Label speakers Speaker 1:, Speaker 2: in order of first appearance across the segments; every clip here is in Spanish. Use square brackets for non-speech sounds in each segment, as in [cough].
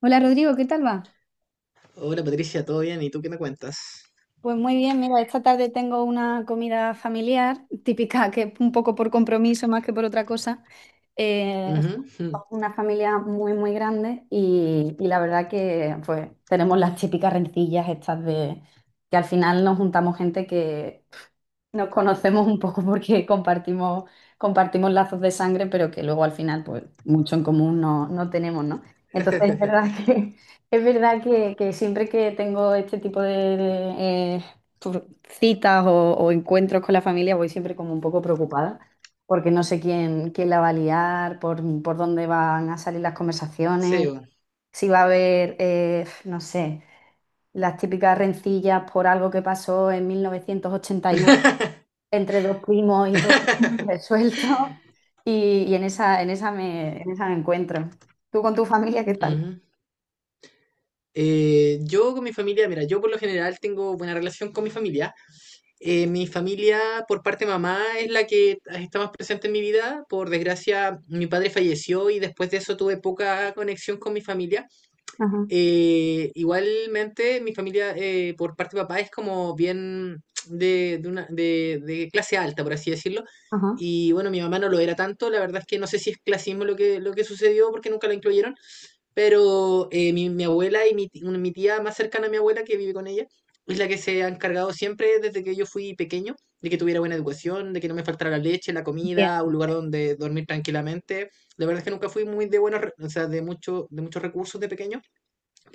Speaker 1: Hola Rodrigo, ¿qué tal va?
Speaker 2: Hola Patricia, ¿todo bien? ¿Y tú qué me cuentas?
Speaker 1: Pues muy bien, mira, esta tarde tengo una comida familiar [laughs] típica, que es un poco por compromiso más que por otra cosa. Eh,
Speaker 2: Ujú. Ujú.
Speaker 1: una familia muy, muy grande y la verdad que pues tenemos las típicas rencillas estas de que al final nos juntamos gente que nos conocemos un poco porque compartimos, compartimos lazos de sangre, pero que luego al final, pues, mucho en común no tenemos, ¿no?
Speaker 2: [laughs]
Speaker 1: Entonces es verdad [laughs] es verdad que siempre que tengo este tipo de citas o encuentros con la familia, voy siempre como un poco preocupada, porque no sé quién la va a liar, por dónde van a salir las conversaciones,
Speaker 2: Sí, bueno.
Speaker 1: si va a haber, no sé, las típicas rencillas por algo que pasó en 1981
Speaker 2: [laughs]
Speaker 1: entre dos primos y todo [laughs] resuelto. Y en esa me encuentro. ¿Tú con tu familia qué tal?
Speaker 2: Ujú. Yo con mi familia, mira, yo por lo general tengo buena relación con mi familia. Mi familia por parte de mamá es la que está más presente en mi vida. Por desgracia, mi padre falleció y después de eso tuve poca conexión con mi familia.
Speaker 1: Ajá,
Speaker 2: Igualmente, mi familia por parte de papá es como bien de clase alta, por así decirlo.
Speaker 1: ajá.
Speaker 2: Y bueno, mi mamá no lo era tanto, la verdad es que no sé si es clasismo lo que sucedió porque nunca la incluyeron, pero mi abuela y mi tía más cercana a mi abuela que vive con ella es la que se ha encargado siempre desde que yo fui pequeño de que tuviera buena educación, de que no me faltara la leche, la
Speaker 1: Bien.
Speaker 2: comida, un lugar donde dormir tranquilamente. La verdad es que nunca fui muy de o sea, de muchos recursos de pequeño,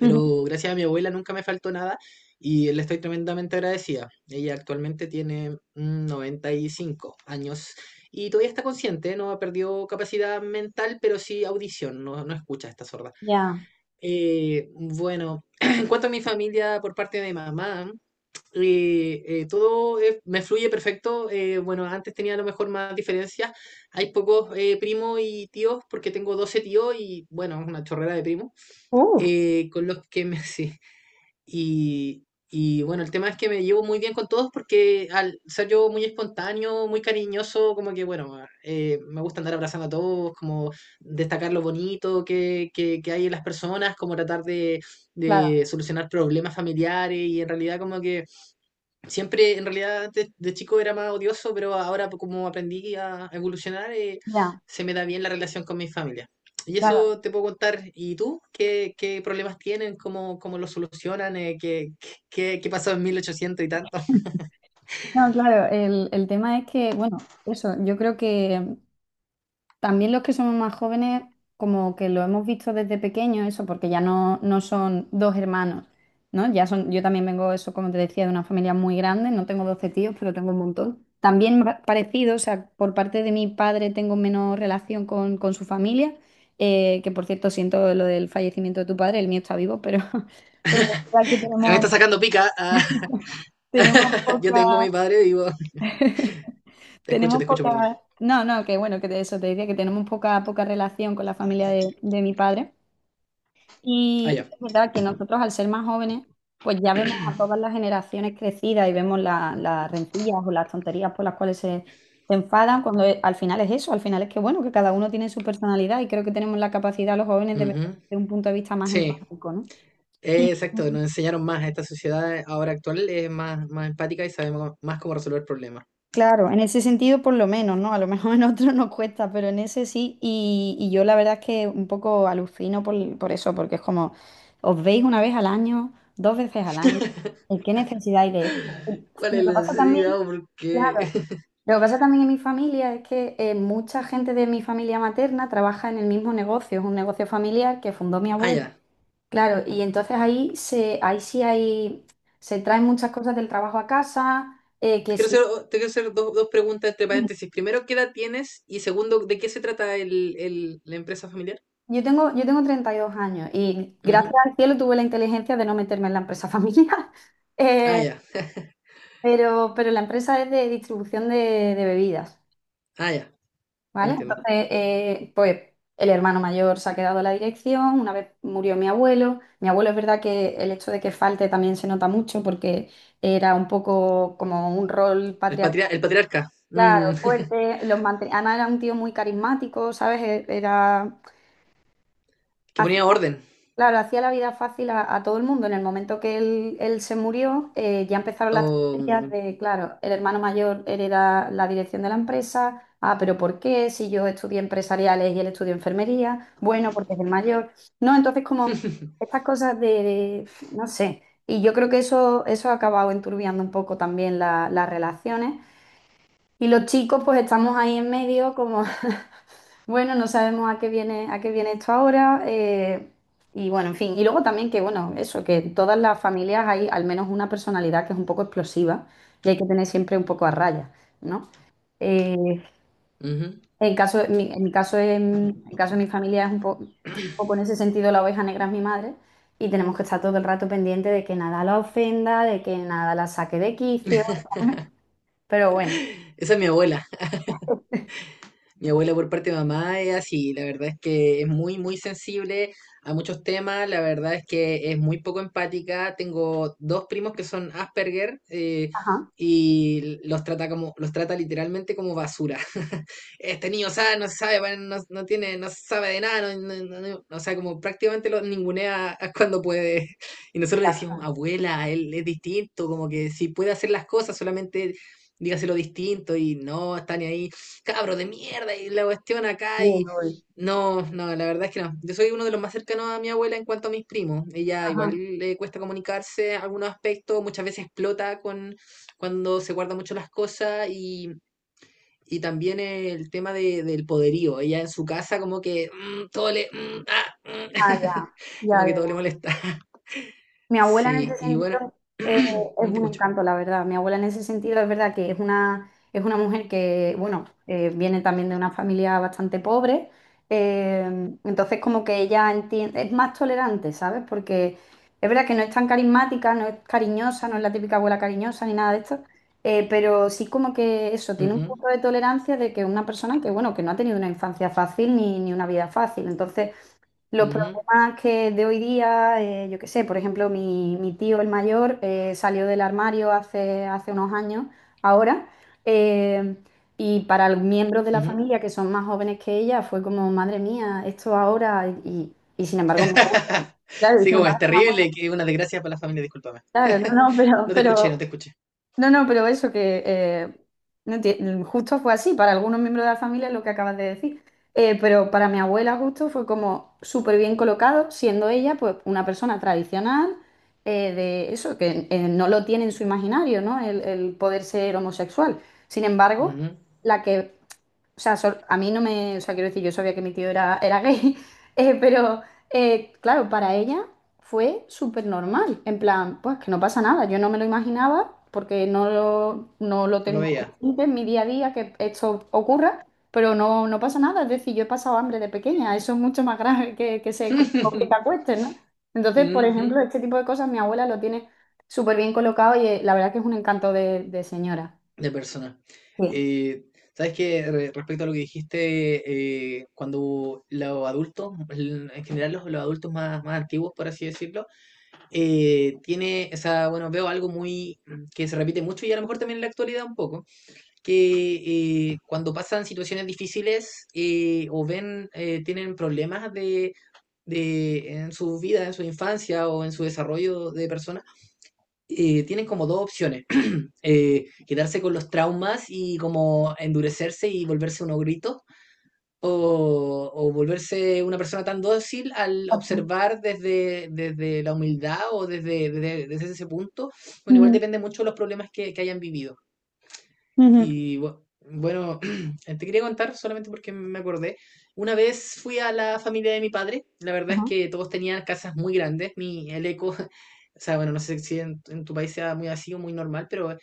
Speaker 1: Ujú.
Speaker 2: gracias a mi abuela nunca me faltó nada y le estoy tremendamente agradecida. Ella actualmente tiene 95 años y todavía está consciente, no ha perdido capacidad mental, pero sí audición, no, no escucha, está sorda.
Speaker 1: Ya.
Speaker 2: Bueno, [clears throat] en cuanto a mi familia por parte de mamá, todo me fluye perfecto. Bueno, antes tenía a lo mejor más diferencias. Hay pocos primos y tíos, porque tengo 12 tíos y, bueno, una chorrera de primos,
Speaker 1: Uh,
Speaker 2: con los que [laughs] sí, y bueno, el tema es que me llevo muy bien con todos porque al ser yo muy espontáneo, muy cariñoso, como que bueno, me gusta andar abrazando a todos, como destacar lo bonito que hay en las personas, como tratar de,
Speaker 1: claro,
Speaker 2: de solucionar problemas familiares y en realidad como que. Siempre, en realidad, antes de chico era más odioso, pero ahora pues, como aprendí a evolucionar,
Speaker 1: ya,
Speaker 2: se me da bien la relación con mi familia. Y
Speaker 1: claro.
Speaker 2: eso te puedo contar. ¿Y tú? ¿Qué problemas tienen? ¿Cómo los solucionan? ¿Qué pasó en 1800 y tanto?
Speaker 1: No, claro, el tema es que, bueno, eso, yo creo que también los que somos más jóvenes, como que lo hemos visto desde pequeño, eso, porque ya no son dos hermanos, ¿no? Ya son, yo también vengo, eso, como te decía, de una familia muy grande, no tengo 12 tíos, pero tengo un montón. También parecido, o sea, por parte de mi padre tengo menos relación con su familia, que por cierto siento lo del fallecimiento de tu padre, el mío está vivo, pero [laughs] pero aquí
Speaker 2: [laughs] Me está
Speaker 1: tenemos,
Speaker 2: sacando pica. Ah.
Speaker 1: tenemos
Speaker 2: [laughs] Yo
Speaker 1: poca…
Speaker 2: tengo a mi padre vivo.
Speaker 1: [laughs] Tenemos
Speaker 2: Te escucho, perdón.
Speaker 1: poca, no, no, que bueno, que de eso te decía que tenemos poca, poca relación con la familia de mi padre.
Speaker 2: Ah, ya.
Speaker 1: Y es verdad que nosotros al ser más jóvenes, pues ya vemos a todas las generaciones crecidas y vemos las rencillas o las tonterías por las cuales se enfadan, cuando al final es eso, al final es que bueno, que cada uno tiene su personalidad y creo que tenemos la capacidad los jóvenes de ver
Speaker 2: Ujú.
Speaker 1: desde un punto de vista más
Speaker 2: Sí,
Speaker 1: empático, ¿no?
Speaker 2: exacto. Nos enseñaron más. Esta sociedad ahora actual es más, más empática y sabe más cómo resolver problemas.
Speaker 1: Claro, en ese sentido por lo menos, ¿no? A lo mejor [laughs] en otro nos cuesta, pero en ese sí. Y yo la verdad es que un poco alucino por eso, porque es como, os veis una vez al año, dos veces al año, ¿y qué necesidad hay de esto?
Speaker 2: ¿Cuál
Speaker 1: Lo
Speaker 2: es
Speaker 1: que
Speaker 2: la
Speaker 1: pasa también,
Speaker 2: necesidad? O ¿Por qué?
Speaker 1: claro,
Speaker 2: [laughs]
Speaker 1: lo que pasa también en mi familia es que mucha gente de mi familia materna trabaja en el mismo negocio, es un negocio familiar que fundó mi
Speaker 2: Ah,
Speaker 1: abuelo.
Speaker 2: ya.
Speaker 1: Claro, y entonces ahí sí hay, se traen muchas cosas del trabajo a casa,
Speaker 2: Te
Speaker 1: que
Speaker 2: quiero
Speaker 1: sí.
Speaker 2: hacer, te quiero hacer dos preguntas entre paréntesis. Primero, ¿qué edad tienes? Y segundo, ¿de qué se trata la empresa familiar?
Speaker 1: Yo tengo 32 años y gracias
Speaker 2: Ujú.
Speaker 1: al cielo tuve la inteligencia de no meterme en la empresa familiar. [laughs]
Speaker 2: Ah,
Speaker 1: Eh,
Speaker 2: ya. [laughs]
Speaker 1: pero la empresa es de distribución de bebidas,
Speaker 2: Ah, ya.
Speaker 1: ¿vale?
Speaker 2: Entiendo.
Speaker 1: Entonces, pues el hermano mayor se ha quedado a la dirección, una vez murió mi abuelo es verdad que el hecho de que falte también se nota mucho porque era un poco como un rol
Speaker 2: El,
Speaker 1: patriarcal,
Speaker 2: patria- el patriarca.
Speaker 1: claro,
Speaker 2: [laughs]
Speaker 1: fuerte, los además era un tío muy carismático, ¿sabes? Era…
Speaker 2: Que ponía orden.
Speaker 1: Claro, hacía la vida fácil a todo el mundo. En el momento que él se murió, ya empezaron las tonterías
Speaker 2: O-
Speaker 1: de, claro, el hermano mayor hereda la dirección de la empresa. Ah, pero ¿por qué? Si yo estudié empresariales y él estudió enfermería. Bueno, porque es el mayor. No, entonces como
Speaker 2: [laughs]
Speaker 1: estas cosas de, no sé. Y yo creo que eso ha acabado enturbiando un poco también las relaciones. Y los chicos pues estamos ahí en medio como bueno, no sabemos a qué viene esto ahora, y bueno, en fin. Y luego también que, bueno, eso, que en todas las familias hay al menos una personalidad que es un poco explosiva y hay que tener siempre un poco a raya, ¿no? Eh,
Speaker 2: Ujú.
Speaker 1: en mi caso, en caso de mi familia es un poco en ese sentido la oveja negra es mi madre y tenemos que estar todo el rato pendiente de que nada la ofenda, de que nada la saque de quicio. [laughs] Pero bueno.
Speaker 2: Esa es mi abuela. Mi abuela por parte de mamá es así, la verdad es que es muy, muy sensible a muchos temas, la verdad es que es muy poco empática. Tengo dos primos que son Asperger
Speaker 1: Ajá.
Speaker 2: y los trata como, los trata literalmente como basura. [laughs] Este niño sabe, no sabe, bueno, no, no tiene, no sabe de nada, no, o sea, como prácticamente lo ningunea [laughs] cuando puede. Y nosotros le
Speaker 1: Ya
Speaker 2: decíamos,
Speaker 1: está.
Speaker 2: abuela, él es distinto, como que si puede hacer las cosas, solamente dígaselo distinto y no está ni ahí cabro de mierda y la cuestión acá
Speaker 1: Uy,
Speaker 2: y...
Speaker 1: uy.
Speaker 2: No, no, la verdad es que no. Yo soy uno de los más cercanos a mi abuela en cuanto a mis primos. Ella
Speaker 1: Ajá.
Speaker 2: igual le cuesta comunicarse en algunos aspectos, muchas veces explota con cuando se guarda mucho las cosas y también el tema del poderío. Ella en su casa como que todo le...
Speaker 1: Ah, ya.
Speaker 2: [laughs]
Speaker 1: Ya,
Speaker 2: como que todo
Speaker 1: ya.
Speaker 2: le molesta. [laughs]
Speaker 1: Mi abuela en
Speaker 2: Sí,
Speaker 1: ese
Speaker 2: y bueno,
Speaker 1: sentido eh,
Speaker 2: [clears throat]
Speaker 1: es
Speaker 2: no te
Speaker 1: un
Speaker 2: escucho.
Speaker 1: encanto, la verdad. Mi abuela en ese sentido es verdad que es una mujer que, bueno, viene también de una familia bastante pobre, eh, entonces como que ella entiende, es más tolerante, ¿sabes? Porque es verdad que no es tan carismática, no es cariñosa, no es la típica abuela cariñosa ni nada de esto. Pero sí como que eso, tiene un
Speaker 2: Ujú,
Speaker 1: punto de tolerancia de que una persona que, bueno, que no ha tenido una infancia fácil ni una vida fácil. Entonces… los
Speaker 2: ujú,
Speaker 1: problemas que de hoy día, yo qué sé, por ejemplo, mi tío, el mayor, salió del armario hace unos años, ahora, eh, y para los miembros de la
Speaker 2: ujú.
Speaker 1: familia que son más jóvenes que ella, fue como, madre mía, esto ahora, y sin embargo, mi abuela,
Speaker 2: [laughs]
Speaker 1: claro, y
Speaker 2: Sí,
Speaker 1: sin
Speaker 2: como es
Speaker 1: embargo, mi abuela,
Speaker 2: terrible, que una desgracia para la familia, discúlpame.
Speaker 1: claro,
Speaker 2: [laughs]
Speaker 1: no, no,
Speaker 2: No te escuché, no
Speaker 1: pero,
Speaker 2: te escuché.
Speaker 1: no, no, pero eso que no enti- mm, justo fue así, para algunos miembros de la familia es lo que acabas de decir. Pero para mi abuela justo fue como súper bien colocado, siendo ella pues una persona tradicional, de eso, que no lo tiene en su imaginario, ¿no? El poder ser homosexual. Sin embargo,
Speaker 2: Ujú.
Speaker 1: la que o sea, sol- a mí no me, o sea, quiero decir, yo sabía que mi tío era gay, [laughs] pero claro, para ella fue súper normal, en plan, pues que no pasa nada, yo no me lo imaginaba porque no lo
Speaker 2: No lo
Speaker 1: tengo
Speaker 2: veía.
Speaker 1: consciente en mi día a día que esto ocurra, pero no, no pasa nada, es decir, yo he pasado hambre de pequeña, eso es mucho más grave que, que te
Speaker 2: [laughs]
Speaker 1: acuesten, ¿no? Entonces, por
Speaker 2: Ujú.
Speaker 1: ejemplo, este tipo de cosas mi abuela lo tiene súper bien colocado y la verdad que es un encanto de señora.
Speaker 2: De persona.
Speaker 1: Sí.
Speaker 2: Eh, ¿Sabes qué? Respecto a lo que dijiste, cuando los adultos, en general los adultos más, más antiguos, por así decirlo, tiene, o sea, bueno, veo algo muy que se repite mucho y a lo mejor también en la actualidad un poco que cuando pasan situaciones difíciles o ven, tienen problemas en su vida, en su infancia o en su desarrollo de persona, tienen como dos opciones. [clears throat] Quedarse con los traumas y como endurecerse y volverse unos gritos o volverse una persona tan dócil al observar desde la humildad o desde ese punto. Bueno, igual
Speaker 1: Ujú,
Speaker 2: depende mucho de los problemas que hayan vivido. Y bueno, [clears throat] te quería contar solamente porque me acordé. Una vez fui a la familia de mi padre. La verdad es
Speaker 1: ujú.
Speaker 2: que todos tenían casas muy grandes. Mi, el eco, [laughs] o sea, bueno, no sé si en tu país sea muy así o muy normal, pero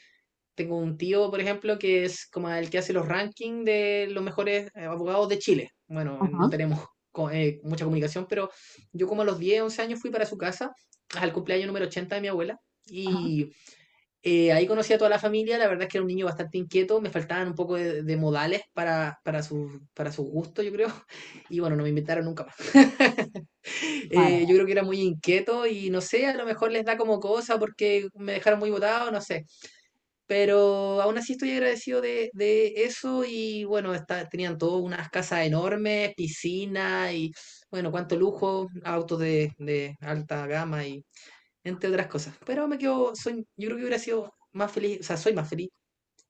Speaker 2: tengo un tío, por ejemplo, que es como el que hace los rankings de los mejores abogados de Chile. Bueno, no
Speaker 1: Ajá,
Speaker 2: tenemos mucha comunicación, pero yo como a los 10 11 años fui para su casa, al cumpleaños número 80 de mi abuela. Y ahí conocí a toda la familia, la verdad es que era un niño bastante inquieto, me faltaban un poco de modales para su gusto, yo creo, [laughs] y bueno, no me invitaron nunca más. [laughs]
Speaker 1: vale,
Speaker 2: Yo creo que era muy inquieto y no sé, a lo mejor les da como cosa porque me dejaron muy botado, no sé, pero aún así estoy agradecido de eso y bueno, tenían todas unas casas enormes, piscina y bueno, cuánto lujo, autos de alta gama y entre otras cosas. Pero me quedo, soy, yo creo que hubiera sido más feliz, o sea, soy más feliz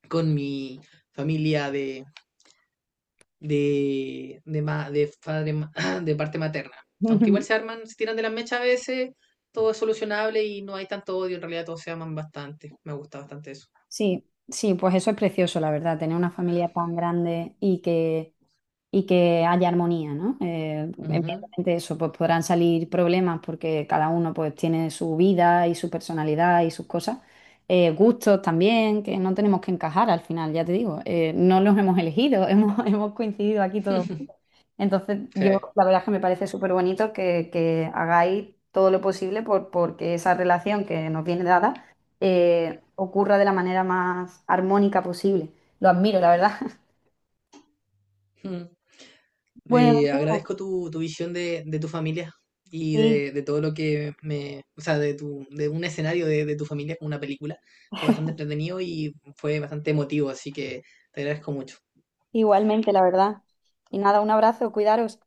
Speaker 2: con mi familia de, ma- de, padre ma- [clears throat] de parte materna. Aunque igual
Speaker 1: vale.
Speaker 2: se
Speaker 1: [laughs]
Speaker 2: arman, se tiran de las mechas a veces, todo es solucionable y no hay tanto odio, en realidad todos se aman bastante. Me gusta bastante eso.
Speaker 1: Sí, sí, pues eso es precioso, la verdad, tener una familia tan grande y que haya armonía, ¿no?
Speaker 2: Ujú.
Speaker 1: Evidentemente eso, pues podrán salir problemas porque cada uno pues tiene su vida y su personalidad y sus cosas. Gustos también, que no tenemos que encajar al final, ya te digo, no los hemos elegido, [laughs] hemos coincidido aquí todos.
Speaker 2: [laughs]
Speaker 1: Entonces, yo
Speaker 2: Sí.
Speaker 1: la verdad es que me parece súper bonito que hagáis todo lo posible por, porque esa relación que nos viene dada ocurra de la manera más armónica posible. Lo admiro, la verdad. [laughs]
Speaker 2: Mm.
Speaker 1: Bueno, lo
Speaker 2: Agradezco tu visión de tu familia y
Speaker 1: Sí,
Speaker 2: de todo lo que me, o sea, de un escenario de tu familia como una película. Fue bastante entretenido y fue bastante emotivo, así que te agradezco mucho.
Speaker 1: igualmente, la verdad. Y nada, un abrazo, cuidaros.